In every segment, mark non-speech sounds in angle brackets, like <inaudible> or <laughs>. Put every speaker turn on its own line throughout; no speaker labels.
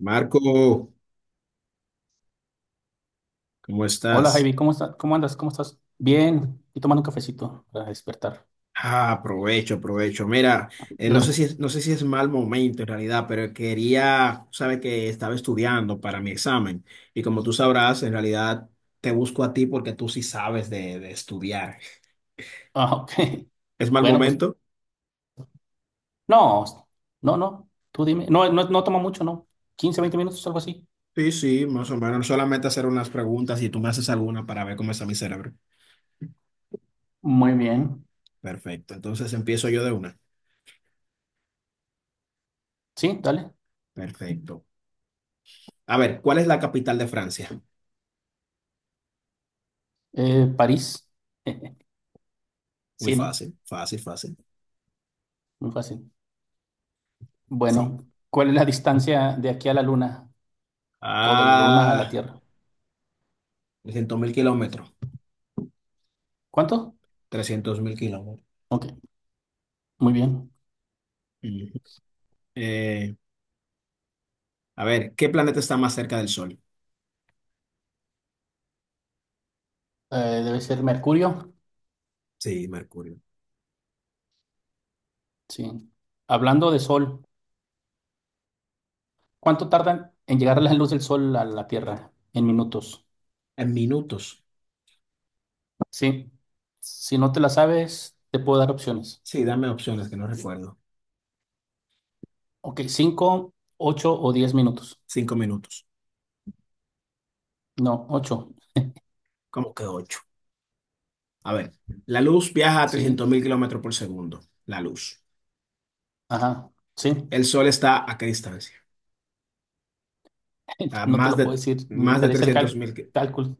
Marco, ¿cómo
Hola
estás?
Javi, ¿cómo estás? ¿Cómo andas? ¿Cómo estás? Bien, y tomando un cafecito para despertar.
Ah, aprovecho, aprovecho. Mira, no sé si
Gracias.
es, no sé si es mal momento en realidad, pero quería, sabes que estaba estudiando para mi examen y como tú sabrás, en realidad te busco a ti porque tú sí sabes de estudiar.
Ah, ok. <laughs>
¿Es mal
Bueno, pues
momento?
no, no, no, tú dime. No, no, no toma mucho, ¿no? 15, 20 minutos, algo así.
Sí, sí, más o menos. Solamente hacer unas preguntas y tú me haces alguna para ver cómo está mi cerebro.
Muy bien.
Perfecto. Entonces empiezo yo de una.
Sí, dale.
Perfecto. A ver, ¿cuál es la capital de Francia?
París. <laughs>
Muy
Sí, ¿no?
fácil, fácil, fácil.
Muy fácil.
Sí.
Bueno, ¿cuál es la distancia de aquí a la Luna o de la Luna a la
Ah.
Tierra?
300.000 kilómetros.
¿Cuánto?
300.000 kilómetros.
Ok, muy bien.
Ujú. Eh, a ver, ¿qué planeta está más cerca del Sol?
Debe ser Mercurio.
Sí, Mercurio.
Sí. Hablando de Sol. ¿Cuánto tardan en llegar la luz del sol a la Tierra? En minutos.
En minutos.
Sí. Si no te la sabes, te puedo dar opciones.
Sí, dame opciones que no recuerdo.
Ok, 5, 8 o 10 minutos.
5 minutos.
No, ocho.
¿Cómo que ocho? A ver, la luz viaja a
Sí.
300.000 kilómetros por segundo. La luz.
Ajá. Sí.
¿El sol está a qué distancia?
<laughs>
A
No te
más
lo puedo
de,
decir. Ni
más de
el
trescientos mil
cálculo.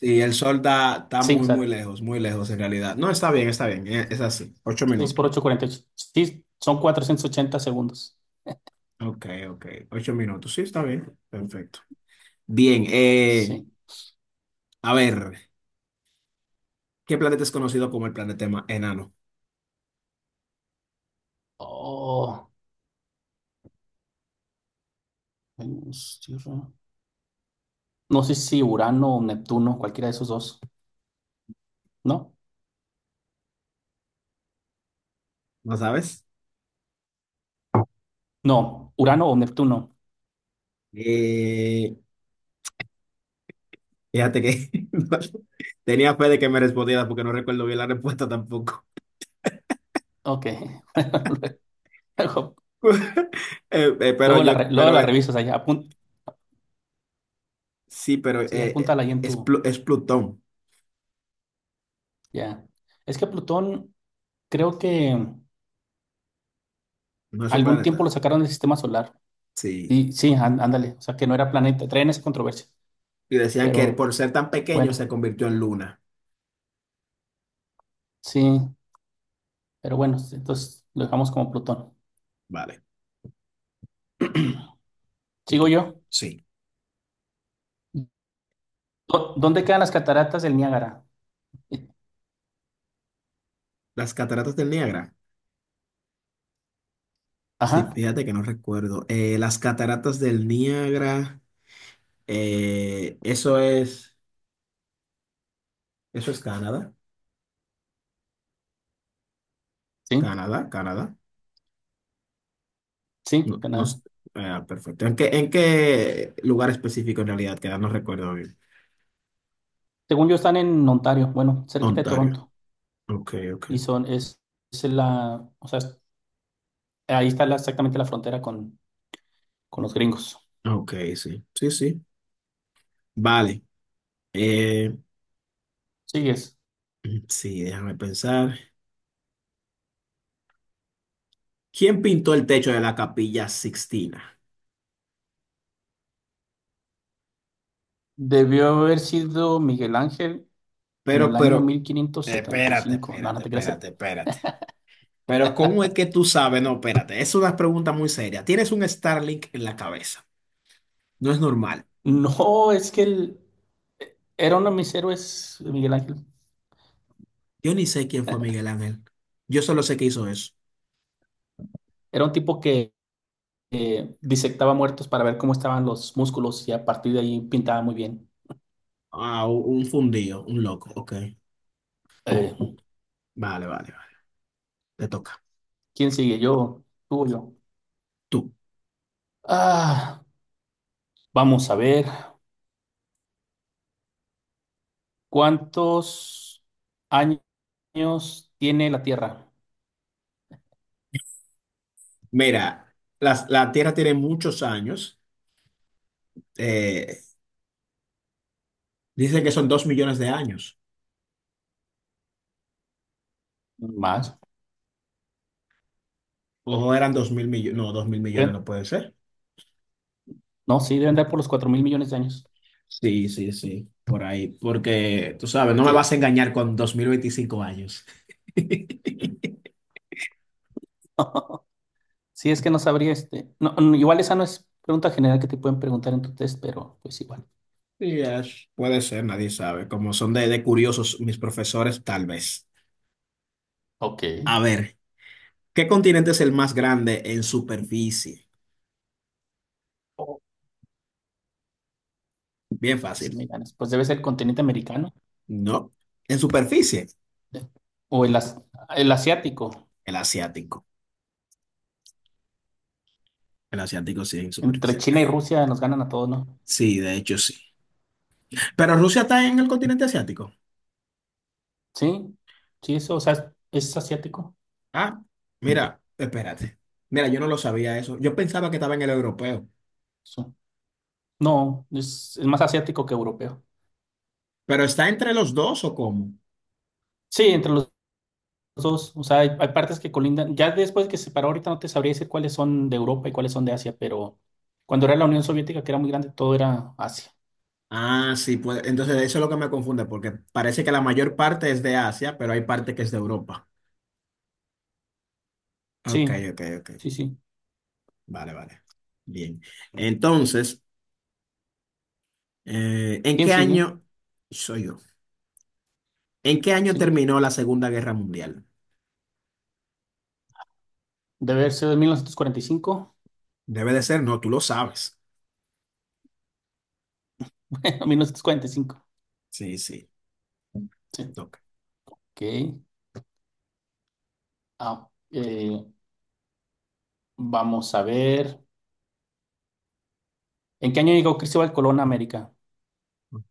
y el sol está
Sí, o
muy,
sea,
muy lejos en realidad. No, está bien, está bien. Es así. Ocho
6
minutos.
por ocho, 48. Sí, son 480 segundos.
Ok, ok. 8 minutos. Sí, está bien. Perfecto. Bien,
Sí.
a ver, ¿qué planeta es conocido como el planeta enano?
Oh, Venus, Tierra. No sé si Urano o Neptuno, cualquiera de esos dos. ¿No?
¿No sabes?
No, Urano o Neptuno.
Eh, fíjate que <laughs> no, tenía fe de que me respondiera porque no recuerdo bien la respuesta tampoco.
Ok. <laughs> <laughs> Luego,
<laughs> Pero
luego la, re-
yo,
luego
pero
la revisas allá.
sí, pero
Sí, apúntala ahí en
es,
tu.
Es Plutón,
Ya. Es que Plutón, creo que
no es un
algún tiempo lo
planeta.
sacaron del sistema solar.
Sí.
Y sí, ándale. O sea, que no era planeta. Traen esa controversia.
Y decían que
Pero
por ser tan pequeño se
bueno,
convirtió en luna.
sí. Pero bueno, entonces lo dejamos como Plutón.
Vale, tú,
Sigo
tú.
yo.
Sí.
¿Dónde quedan las cataratas del Niágara? Eh,
Las cataratas del Niágara. Sí,
Ajá.
fíjate que no recuerdo. Las cataratas del Niágara. Eh, eso es, eso es Canadá,
Sí,
Canadá, Canadá.
sí,
No, no sé.
Canadá.
Ah, perfecto. ¿En qué lugar específico en realidad queda? No recuerdo bien.
Según yo, están en Ontario. Bueno, cerquita de
Ontario.
Toronto.
Ok, ok.
Y son. Es la. O sea, ahí está exactamente la frontera con los gringos.
Ok, sí. Sí, sí. Vale. Eh,
Sigues.
<clears throat> sí, déjame pensar. ¿Quién pintó el techo de la Capilla Sixtina?
Debió haber sido Miguel Ángel en
Pero,
el año
pero,
mil quinientos setenta y
espérate,
cinco. No, no
espérate,
te creas.
espérate, espérate. Pero, ¿cómo es que tú sabes? No, espérate. Es una pregunta muy seria. Tienes un Starlink en la cabeza. No es normal.
No, es que él era uno de mis héroes, Miguel Ángel.
Yo ni sé quién fue Miguel Ángel. Yo solo sé que hizo eso.
Era un tipo que disectaba muertos para ver cómo estaban los músculos y a partir de ahí pintaba muy bien.
Ah, un fundido, un loco. Ok.
Eh,
Vale, vale, vale. Te toca.
¿Quién sigue? Yo, tú o yo.
Tú.
Ah, vamos a ver. ¿Cuántos años tiene la Tierra?
Mira, la Tierra tiene muchos años. Eh, dicen que son 2 millones de años.
Más.
Ojo, eran 2.000 millones. No, dos mil millones
¿Eh?
no puede ser.
No, sí, deben dar por los 4 mil millones de años.
Sí, sí, sí. Por ahí. Porque, tú sabes, no me vas a
Ok.
engañar con 2025 años. <laughs>
<laughs> Sí, es que no sabría este. No, no, igual esa no es pregunta general que te pueden preguntar en tu test, pero pues igual.
Sí, Ash. Puede ser, nadie sabe. Como son de curiosos mis profesores, tal vez.
Ok.
A ver. ¿Qué continente es el más grande en superficie?
Oh,
Bien
sí
fácil.
me ganas. Pues debe ser el continente americano,
No, en superficie,
eh, o el asiático.
el asiático. El asiático sí, en
Entre
superficie.
China y Rusia nos ganan a todos, ¿no?
Sí, de hecho sí. Pero Rusia está en el continente asiático.
Sí, sí, eso, o sea, es asiático.
Ah, mira, espérate. Mira, yo no lo sabía eso. Yo pensaba que estaba en el europeo.
Sí. No, es más asiático que europeo.
¿Pero está entre los dos o cómo?
Sí, entre los dos, o sea, hay partes que colindan, ya después que se separó ahorita no te sabría decir cuáles son de Europa y cuáles son de Asia, pero cuando era la Unión Soviética, que era muy grande, todo era Asia.
Ah, sí, pues entonces eso es lo que me confunde, porque parece que la mayor parte es de Asia, pero hay parte que es de Europa. Ok,
Sí,
ok, ok.
sí, sí.
Vale, vale. Bien. Entonces... ¿En
¿Quién
qué
sigue?
año soy yo? ¿En qué año
Sí.
terminó la Segunda Guerra Mundial?
Debe haber sido de 1945.
Debe de ser, no, tú lo sabes.
<laughs> 1945.
Sí, sí, te
Sí.
toca.
Ok. Ah, vamos a ver. ¿En qué año llegó Cristóbal Colón a América?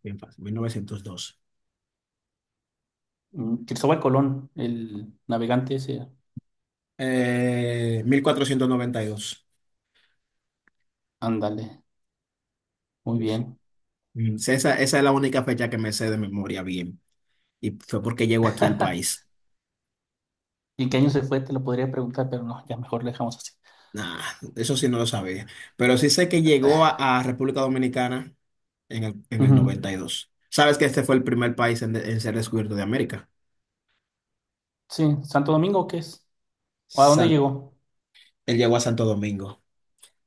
Bien fácil, 1912.
Mm, Cristóbal Colón, el navegante ese.
1492.
Ándale, muy
Sí, sí.
bien.
Mm, sí, esa es la única fecha que me sé de memoria bien. Y fue porque llegó aquí al
<laughs>
país.
¿Y en qué año se fue? Te lo podría preguntar, pero no, ya mejor lo dejamos así.
Nah, eso sí no lo sabía. Pero sí sé que llegó a República Dominicana en el
Ujú.
92. ¿Sabes que este fue el primer país en ser descubierto de América?
Sí, Santo Domingo, ¿qué es? ¿O a dónde
San-
llegó?
Él llegó a Santo Domingo.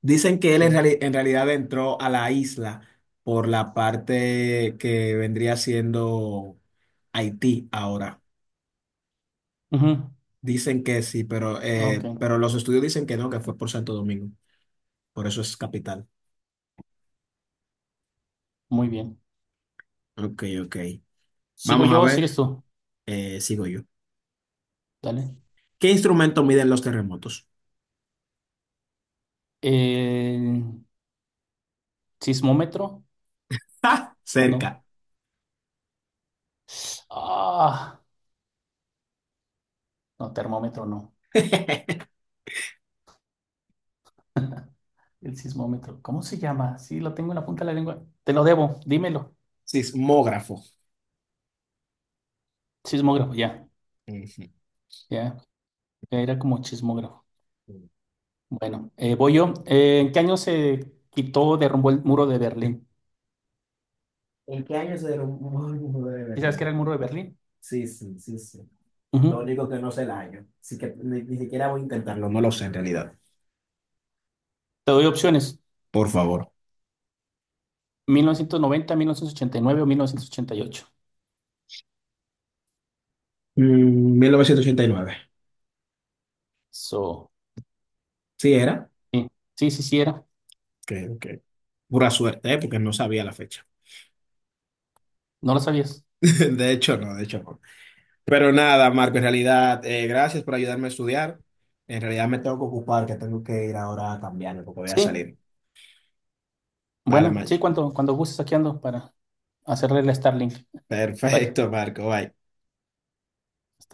Dicen que él
Ya.
en realidad entró a la isla por la parte que vendría siendo Haití ahora.
Ujú.
Dicen que sí, pero,
Ok,
eh, pero los estudios dicen que no, que fue por Santo Domingo. Por eso es capital.
muy bien.
Ok, ok.
¿Sigo
Vamos a
yo o sigues
ver.
tú?
Sigo yo.
Dale.
¿Qué instrumento miden los terremotos?
¿El sismómetro?
¡Ja!
No.
Cerca.
Ah, no, termómetro no.
<laughs>
El sismómetro, ¿cómo se llama? Sí, lo tengo en la punta de la lengua. Te lo debo, dímelo.
Sismógrafo.
Sismógrafo, ya,
Ujú.
ya. Era como chismógrafo. Bueno, voy yo. ¿En qué año se quitó, derrumbó el muro de Berlín?
¿En qué año se derrumbó el muro de
¿Y sabes
Berlín?
qué era el muro de Berlín?
Sí, sí, sí, sí. Lo
Ujú.
único que no sé el año. Así que ni siquiera voy a intentarlo. No lo sé en realidad.
Te doy opciones.
Por favor.
Mil novecientos noventa, 1989 o 1988.
Mm, 1989.
So,
Sí, era.
sí, sí, sí, sí era.
Ok, ok. Pura suerte, ¿eh? Porque no sabía la fecha.
No lo sabías.
<laughs> De hecho, no, de hecho, no. Pero nada, Marco, en realidad, gracias por ayudarme a estudiar. En realidad me tengo que ocupar, que tengo que ir ahora a cambiarme porque voy a
Sí,
salir. Vale,
bueno, sí,
Maya.
cuando gustes aquí ando para hacerle la Starlink. Bye.
Perfecto, Marco. Bye.
Hasta luego.